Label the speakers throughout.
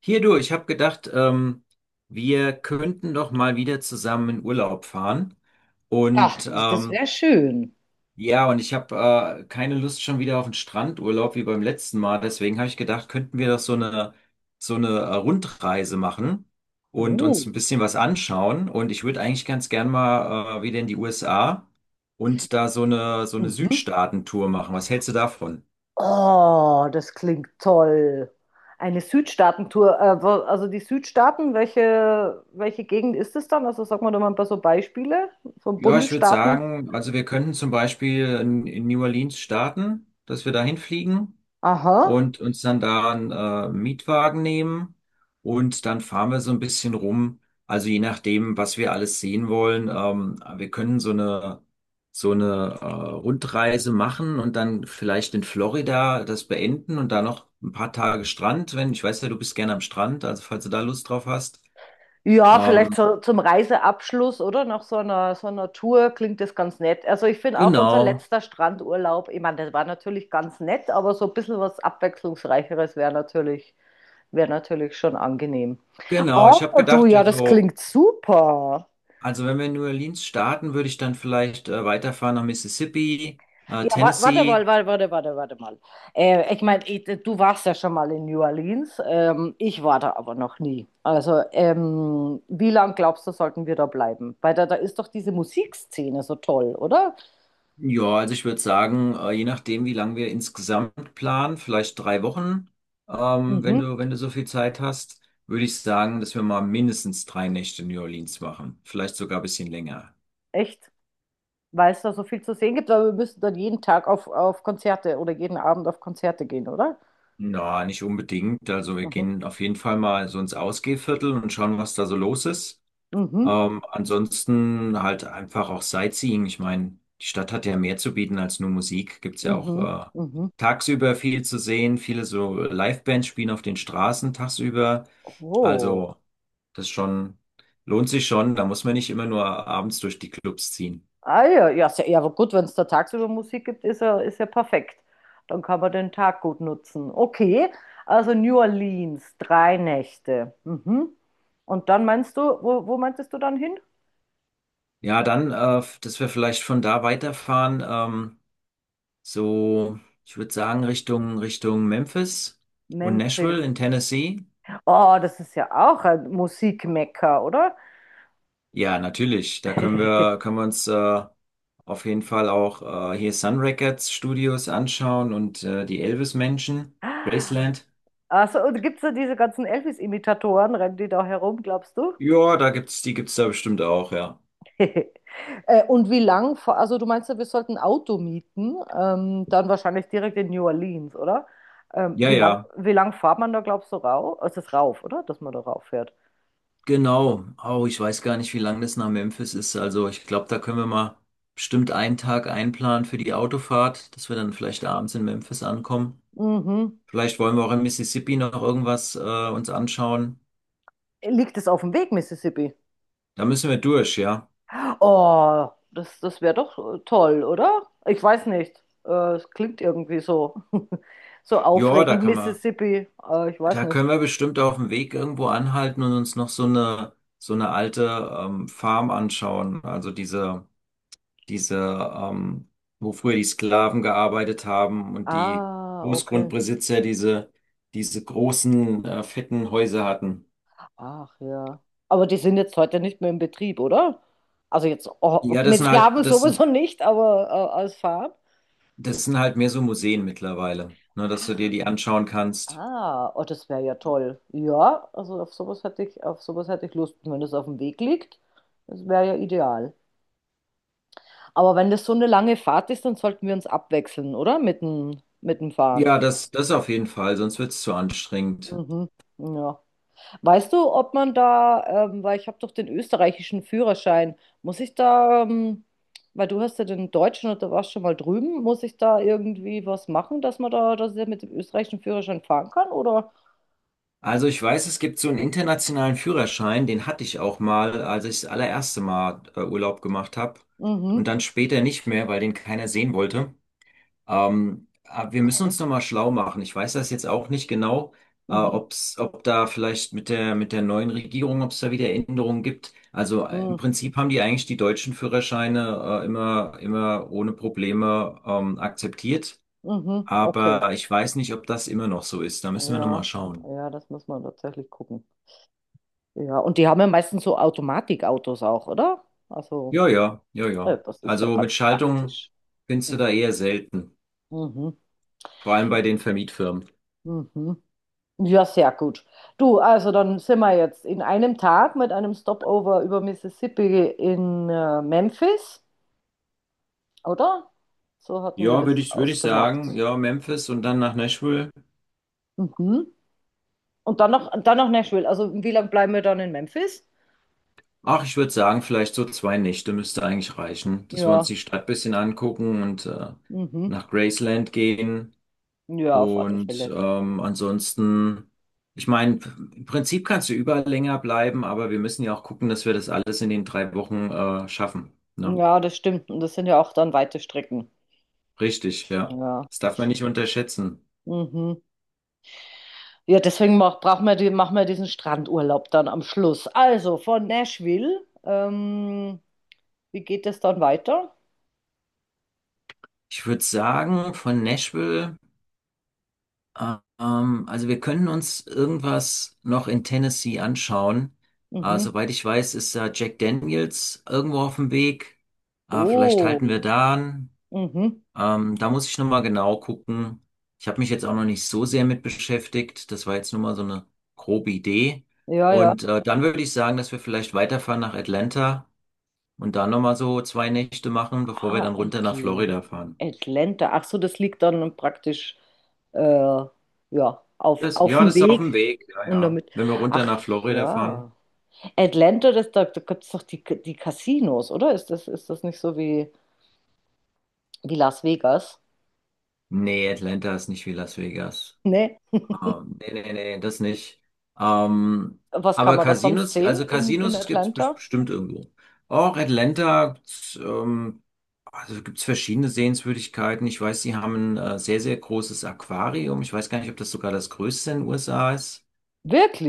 Speaker 1: Hier du, ich habe gedacht, wir könnten doch mal wieder zusammen in Urlaub fahren.
Speaker 2: Ach,
Speaker 1: Und
Speaker 2: das wäre schön.
Speaker 1: ja, und ich habe keine Lust schon wieder auf einen Strandurlaub wie beim letzten Mal. Deswegen habe ich gedacht, könnten wir doch so eine Rundreise machen und uns ein
Speaker 2: Oh.
Speaker 1: bisschen was anschauen. Und ich würde eigentlich ganz gern mal wieder in die USA und da so eine
Speaker 2: Mhm.
Speaker 1: Südstaaten-Tour machen. Was hältst du davon?
Speaker 2: Oh, das klingt toll. Eine Südstaatentour. Also die Südstaaten, welche Gegend ist es dann? Also sag mal doch mal ein paar so Beispiele von
Speaker 1: Ja, ich würde
Speaker 2: Bundesstaaten.
Speaker 1: sagen, also wir könnten zum Beispiel in New Orleans starten, dass wir da hinfliegen
Speaker 2: Aha.
Speaker 1: und uns dann da einen Mietwagen nehmen und dann fahren wir so ein bisschen rum. Also je nachdem, was wir alles sehen wollen, wir können so eine Rundreise machen und dann vielleicht in Florida das beenden und da noch ein paar Tage Strand, wenn ich weiß ja, du bist gerne am Strand, also falls du da Lust drauf hast.
Speaker 2: Ja, vielleicht
Speaker 1: Ähm,
Speaker 2: so zum Reiseabschluss, oder? Nach so einer Tour klingt das ganz nett. Also ich finde auch unser
Speaker 1: genau,
Speaker 2: letzter Strandurlaub, ich meine, das war natürlich ganz nett, aber so ein bisschen was Abwechslungsreicheres wäre natürlich schon angenehm.
Speaker 1: genau.
Speaker 2: Oh,
Speaker 1: Ich habe
Speaker 2: du,
Speaker 1: gedacht,
Speaker 2: ja,
Speaker 1: wir
Speaker 2: das
Speaker 1: so.
Speaker 2: klingt super.
Speaker 1: Also wenn wir in New Orleans starten, würde ich dann vielleicht weiterfahren nach Mississippi,
Speaker 2: Ja, wa- warte
Speaker 1: Tennessee.
Speaker 2: mal, warte, warte, warte, warte mal. Ich meine, du warst ja schon mal in New Orleans. Ich war da aber noch nie. Also, wie lange glaubst du, sollten wir da bleiben? Weil da ist doch diese Musikszene so toll, oder?
Speaker 1: Ja, also ich würde sagen, je nachdem, wie lange wir insgesamt planen, vielleicht 3 Wochen, wenn
Speaker 2: Mhm,
Speaker 1: du, wenn du so viel Zeit hast, würde ich sagen, dass wir mal mindestens 3 Nächte in New Orleans machen. Vielleicht sogar ein bisschen länger.
Speaker 2: echt. Weil es da so viel zu sehen gibt, aber wir müssen dann jeden Tag auf Konzerte oder jeden Abend auf Konzerte gehen, oder?
Speaker 1: Na, nicht unbedingt. Also wir
Speaker 2: Mhm,
Speaker 1: gehen auf jeden Fall mal so ins Ausgehviertel und schauen, was da so los ist.
Speaker 2: mhm,
Speaker 1: Ansonsten halt einfach auch Sightseeing. Ich meine, die Stadt hat ja mehr zu bieten als nur Musik. Gibt's ja auch
Speaker 2: mhm,
Speaker 1: äh,
Speaker 2: mhm.
Speaker 1: tagsüber viel zu sehen. Viele so Livebands spielen auf den Straßen tagsüber.
Speaker 2: Oh.
Speaker 1: Also das schon lohnt sich schon. Da muss man nicht immer nur abends durch die Clubs ziehen.
Speaker 2: Ah ja, ja, sehr, ja, aber gut, wenn es da tagsüber Musik gibt, ist ja perfekt. Dann kann man den Tag gut nutzen. Okay, also New Orleans, drei Nächte. Mhm. Und dann meinst du, wo meintest du dann hin?
Speaker 1: Ja, dann, dass wir vielleicht von da weiterfahren, so, ich würde sagen, Richtung Memphis und Nashville
Speaker 2: Memphis.
Speaker 1: in Tennessee.
Speaker 2: Oh, das ist ja auch ein Musikmekka, oder?
Speaker 1: Ja, natürlich. Da können wir, können wir uns auf jeden Fall auch hier Sun Records Studios anschauen und die Elvis Mansion, Graceland.
Speaker 2: Also, und gibt es da diese ganzen Elvis-Imitatoren, rennen die da herum, glaubst du?
Speaker 1: Ja, da gibt's, die gibt's da bestimmt auch, ja.
Speaker 2: Also du meinst ja, wir sollten ein Auto mieten, dann wahrscheinlich direkt in New Orleans, oder?
Speaker 1: Ja, ja,
Speaker 2: Wie lang fährt man da, glaubst du, rauf? Es ist rauf, oder? Dass man da rauf fährt.
Speaker 1: genau. Oh, ich weiß gar nicht, wie lang das nach Memphis ist. Also ich glaube, da können wir mal bestimmt einen Tag einplanen für die Autofahrt, dass wir dann vielleicht abends in Memphis ankommen.
Speaker 2: Mhm.
Speaker 1: Vielleicht wollen wir auch in Mississippi noch irgendwas uns anschauen.
Speaker 2: Liegt es auf dem Weg, Mississippi?
Speaker 1: Da müssen wir durch, ja.
Speaker 2: Oh, das wäre doch toll, oder? Ich weiß nicht. Es klingt irgendwie so, so
Speaker 1: Ja, da
Speaker 2: aufregend,
Speaker 1: kann man.
Speaker 2: Mississippi. Ich weiß
Speaker 1: Da
Speaker 2: nicht.
Speaker 1: können wir bestimmt auf dem Weg irgendwo anhalten und uns noch so eine alte Farm anschauen. Also diese, ähm, wo früher die Sklaven gearbeitet haben und die
Speaker 2: Ah, okay.
Speaker 1: Großgrundbesitzer diese großen, fetten Häuser hatten.
Speaker 2: Ach ja. Aber die sind jetzt heute nicht mehr im Betrieb, oder? Also jetzt oh,
Speaker 1: Ja, das
Speaker 2: mit
Speaker 1: sind halt,
Speaker 2: Sklaven
Speaker 1: das
Speaker 2: sowieso
Speaker 1: sind,
Speaker 2: nicht, aber als Farm.
Speaker 1: das sind halt mehr so Museen mittlerweile, ne, dass du dir die anschauen kannst.
Speaker 2: Ah, oh, das wäre ja toll. Ja, also auf sowas hätte ich Lust. Und wenn das auf dem Weg liegt, das wäre ja ideal. Aber wenn das so eine lange Fahrt ist, dann sollten wir uns abwechseln, oder? Mit dem Fahren.
Speaker 1: Ja, das auf jeden Fall, sonst wird's zu anstrengend.
Speaker 2: Mhm. Ja. Weißt du, ob man da, weil ich habe doch den österreichischen Führerschein, muss ich da, weil du hast ja den deutschen und da warst schon mal drüben, muss ich da irgendwie was machen, dass man da, dass ich mit dem österreichischen Führerschein fahren kann, oder?
Speaker 1: Also ich weiß, es gibt so einen internationalen Führerschein, den hatte ich auch mal, als ich das allererste Mal Urlaub gemacht habe
Speaker 2: Mhm,
Speaker 1: und dann später nicht mehr, weil den keiner sehen wollte. Aber wir müssen
Speaker 2: okay,
Speaker 1: uns nochmal schlau machen. Ich weiß das jetzt auch nicht genau,
Speaker 2: mhm,
Speaker 1: ob da vielleicht mit der neuen Regierung, ob es da wieder Änderungen gibt. Also im
Speaker 2: mhm,
Speaker 1: Prinzip haben die eigentlich die deutschen Führerscheine immer ohne Probleme akzeptiert.
Speaker 2: mhm, okay,
Speaker 1: Aber ich weiß nicht, ob das immer noch so ist. Da müssen wir nochmal
Speaker 2: ja,
Speaker 1: schauen.
Speaker 2: ja, das muss man tatsächlich gucken. Ja, und die haben ja meistens so Automatikautos auch, oder? Also,
Speaker 1: Ja, ja, ja, ja.
Speaker 2: das ist ja
Speaker 1: Also mit
Speaker 2: ganz
Speaker 1: Schaltung
Speaker 2: praktisch.
Speaker 1: findest du
Speaker 2: Mhm,
Speaker 1: da eher selten.
Speaker 2: mhm.
Speaker 1: Vor allem bei den Vermietfirmen.
Speaker 2: Mhm. Ja, sehr gut. Du, also dann sind wir jetzt in einem Tag mit einem Stopover über Mississippi in Memphis, oder? So hatten wir
Speaker 1: Ja, würde
Speaker 2: das
Speaker 1: ich, würde ich sagen,
Speaker 2: ausgemacht.
Speaker 1: ja, Memphis und dann nach Nashville.
Speaker 2: Mhm. Und dann noch Nashville. Also wie lange bleiben wir dann in Memphis?
Speaker 1: Ach, ich würde sagen, vielleicht so 2 Nächte müsste eigentlich reichen, dass wir uns
Speaker 2: Ja,
Speaker 1: die Stadt bisschen angucken und
Speaker 2: mhm.
Speaker 1: nach Graceland gehen.
Speaker 2: Ja, auf alle
Speaker 1: Und
Speaker 2: Fälle.
Speaker 1: ansonsten, ich meine, im Prinzip kannst du überall länger bleiben, aber wir müssen ja auch gucken, dass wir das alles in den 3 Wochen schaffen. Ne?
Speaker 2: Ja, das stimmt. Und das sind ja auch dann weite Strecken.
Speaker 1: Richtig, ja.
Speaker 2: Ja,
Speaker 1: Das darf man nicht unterschätzen.
Speaker 2: mhm. Ja, deswegen mach, brauchen wir die, machen wir diesen Strandurlaub dann am Schluss. Also von Nashville, wie geht es dann weiter?
Speaker 1: Ich würde sagen, von Nashville, also wir können uns irgendwas noch in Tennessee anschauen.
Speaker 2: Mhm.
Speaker 1: Soweit ich weiß, ist da Jack Daniels irgendwo auf dem Weg. Vielleicht halten
Speaker 2: Oh,
Speaker 1: wir da an.
Speaker 2: mhm.
Speaker 1: Da muss ich nochmal genau gucken. Ich habe mich jetzt auch noch nicht so sehr mit beschäftigt. Das war jetzt nur mal so eine grobe Idee.
Speaker 2: Ja, ja.
Speaker 1: Und dann würde ich sagen, dass wir vielleicht weiterfahren nach Atlanta und da nochmal so 2 Nächte machen, bevor wir
Speaker 2: Ah,
Speaker 1: dann runter nach Florida
Speaker 2: Atlan
Speaker 1: fahren.
Speaker 2: Atlanta. Ach so, das liegt dann praktisch äh, ja,
Speaker 1: Das,
Speaker 2: auf
Speaker 1: ja,
Speaker 2: dem
Speaker 1: das ist auf dem
Speaker 2: Weg
Speaker 1: Weg, ja,
Speaker 2: und
Speaker 1: ja.
Speaker 2: damit.
Speaker 1: Wenn wir runter
Speaker 2: Ach
Speaker 1: nach Florida fahren.
Speaker 2: ja. Atlanta, da gibt es doch die Casinos, oder? Ist das nicht so wie, wie Las Vegas?
Speaker 1: Nee, Atlanta ist nicht wie Las Vegas.
Speaker 2: Ne?
Speaker 1: Nee, nee, nee, das nicht. Ähm,
Speaker 2: Was kann
Speaker 1: aber
Speaker 2: man da sonst
Speaker 1: Casinos,
Speaker 2: sehen
Speaker 1: also
Speaker 2: in
Speaker 1: Casinos gibt's
Speaker 2: Atlanta?
Speaker 1: bestimmt irgendwo. Auch Atlanta, ähm, also gibt's verschiedene Sehenswürdigkeiten. Ich weiß, sie haben ein sehr, sehr großes Aquarium. Ich weiß gar nicht, ob das sogar das größte in den USA ist.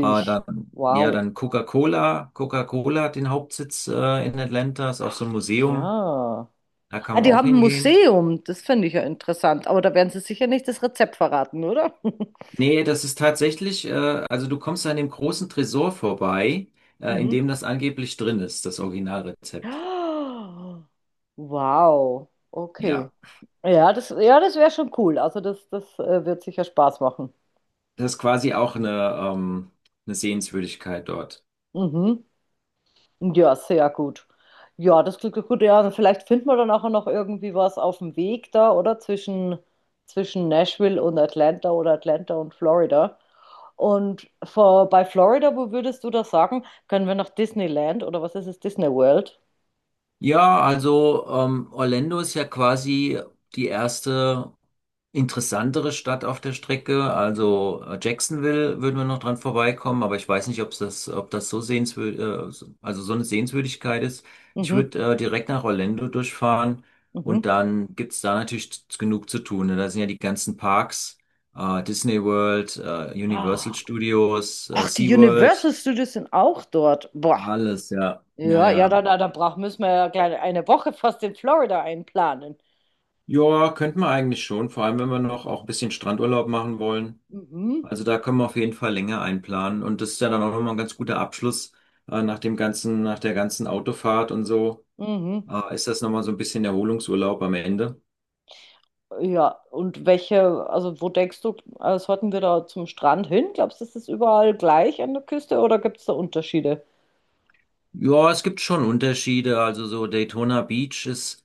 Speaker 1: Dann, ja,
Speaker 2: Wow.
Speaker 1: dann Coca-Cola. Coca-Cola hat den Hauptsitz in Atlanta, ist auch so ein Museum.
Speaker 2: Ja.
Speaker 1: Da kann
Speaker 2: Ah,
Speaker 1: man
Speaker 2: die
Speaker 1: auch
Speaker 2: haben ein
Speaker 1: hingehen.
Speaker 2: Museum, das finde ich ja interessant, aber da werden sie sicher nicht das Rezept verraten, oder?
Speaker 1: Nee, das ist tatsächlich, also du kommst an dem großen Tresor vorbei, in
Speaker 2: Mhm.
Speaker 1: dem das angeblich drin ist, das Originalrezept.
Speaker 2: Ah, wow, okay.
Speaker 1: Ja,
Speaker 2: Ja, ja, das wäre schon cool. Also das wird sicher Spaß machen.
Speaker 1: das ist quasi auch ähm, eine Sehenswürdigkeit dort.
Speaker 2: Mhm. Ja, sehr gut. Ja, das klingt doch gut. Ja, und vielleicht finden wir dann nachher noch irgendwie was auf dem Weg da, oder? Zwischen Nashville und Atlanta oder Atlanta und Florida. Und vor, bei Florida, wo würdest du das sagen? Können wir nach Disneyland oder was ist es? Disney World?
Speaker 1: Ja, also Orlando ist ja quasi die erste interessantere Stadt auf der Strecke. Also Jacksonville würden wir noch dran vorbeikommen, aber ich weiß nicht, ob das so sehenswürdig, also so eine Sehenswürdigkeit ist. Ich
Speaker 2: Mhm,
Speaker 1: würde direkt nach Orlando durchfahren
Speaker 2: mhm.
Speaker 1: und dann gibt's da natürlich genug zu tun. Ne? Da sind ja die ganzen Parks, Disney World, Universal Studios,
Speaker 2: Ach, die Universal
Speaker 1: SeaWorld,
Speaker 2: Studios sind auch dort. Boah.
Speaker 1: alles, ja. Ja,
Speaker 2: Ja, ja,
Speaker 1: ja.
Speaker 2: dann brauch, müssen wir ja gleich eine Woche fast in Florida einplanen.
Speaker 1: Ja, könnten wir eigentlich schon, vor allem wenn wir noch auch ein bisschen Strandurlaub machen wollen.
Speaker 2: Mhm,
Speaker 1: Also da können wir auf jeden Fall länger einplanen. Und das ist ja dann auch nochmal ein ganz guter Abschluss, nach dem ganzen, nach der ganzen Autofahrt und so.
Speaker 2: mhm.
Speaker 1: Ist das nochmal so ein bisschen Erholungsurlaub am Ende?
Speaker 2: Ja, und welche, also wo denkst du, sollten wir da zum Strand hin? Glaubst du, das ist überall gleich an der Küste oder gibt es da Unterschiede?
Speaker 1: Ja, es gibt schon Unterschiede. Also so Daytona Beach ist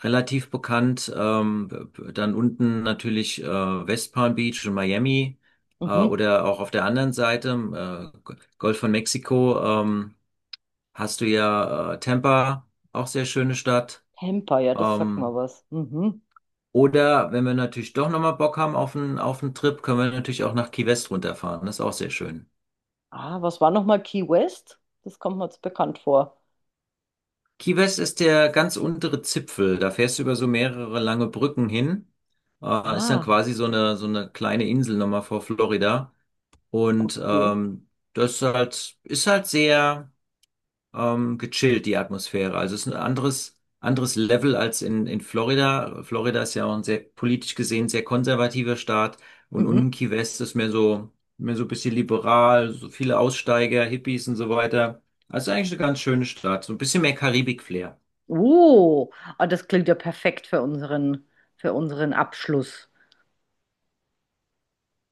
Speaker 1: relativ bekannt. Dann unten natürlich West Palm Beach und Miami.
Speaker 2: Mhm.
Speaker 1: Oder auch auf der anderen Seite, Golf von Mexiko, hast du ja Tampa, auch sehr schöne Stadt.
Speaker 2: Tampa, ja, das sagt mal
Speaker 1: Ähm,
Speaker 2: was. Mhm.
Speaker 1: Oder wenn wir natürlich doch nochmal Bock haben auf einen Trip, können wir natürlich auch nach Key West runterfahren. Das ist auch sehr schön.
Speaker 2: Ah, was war nochmal Key West? Das kommt mir jetzt bekannt vor.
Speaker 1: Key West ist der ganz untere Zipfel. Da fährst du über so mehrere lange Brücken hin. Ist dann
Speaker 2: Ah,
Speaker 1: quasi so eine kleine Insel nochmal vor Florida. Und
Speaker 2: okay.
Speaker 1: das ist halt sehr, gechillt, die Atmosphäre. Also es ist ein anderes Level als in Florida. Florida ist ja auch ein sehr politisch gesehen sehr konservativer Staat und
Speaker 2: Mhm.
Speaker 1: unten Key West ist mehr so ein bisschen liberal, so viele Aussteiger, Hippies und so weiter. Also eigentlich eine ganz schöne Stadt, so ein bisschen mehr Karibik-Flair.
Speaker 2: Uh, ah, das klingt ja perfekt für unseren Abschluss.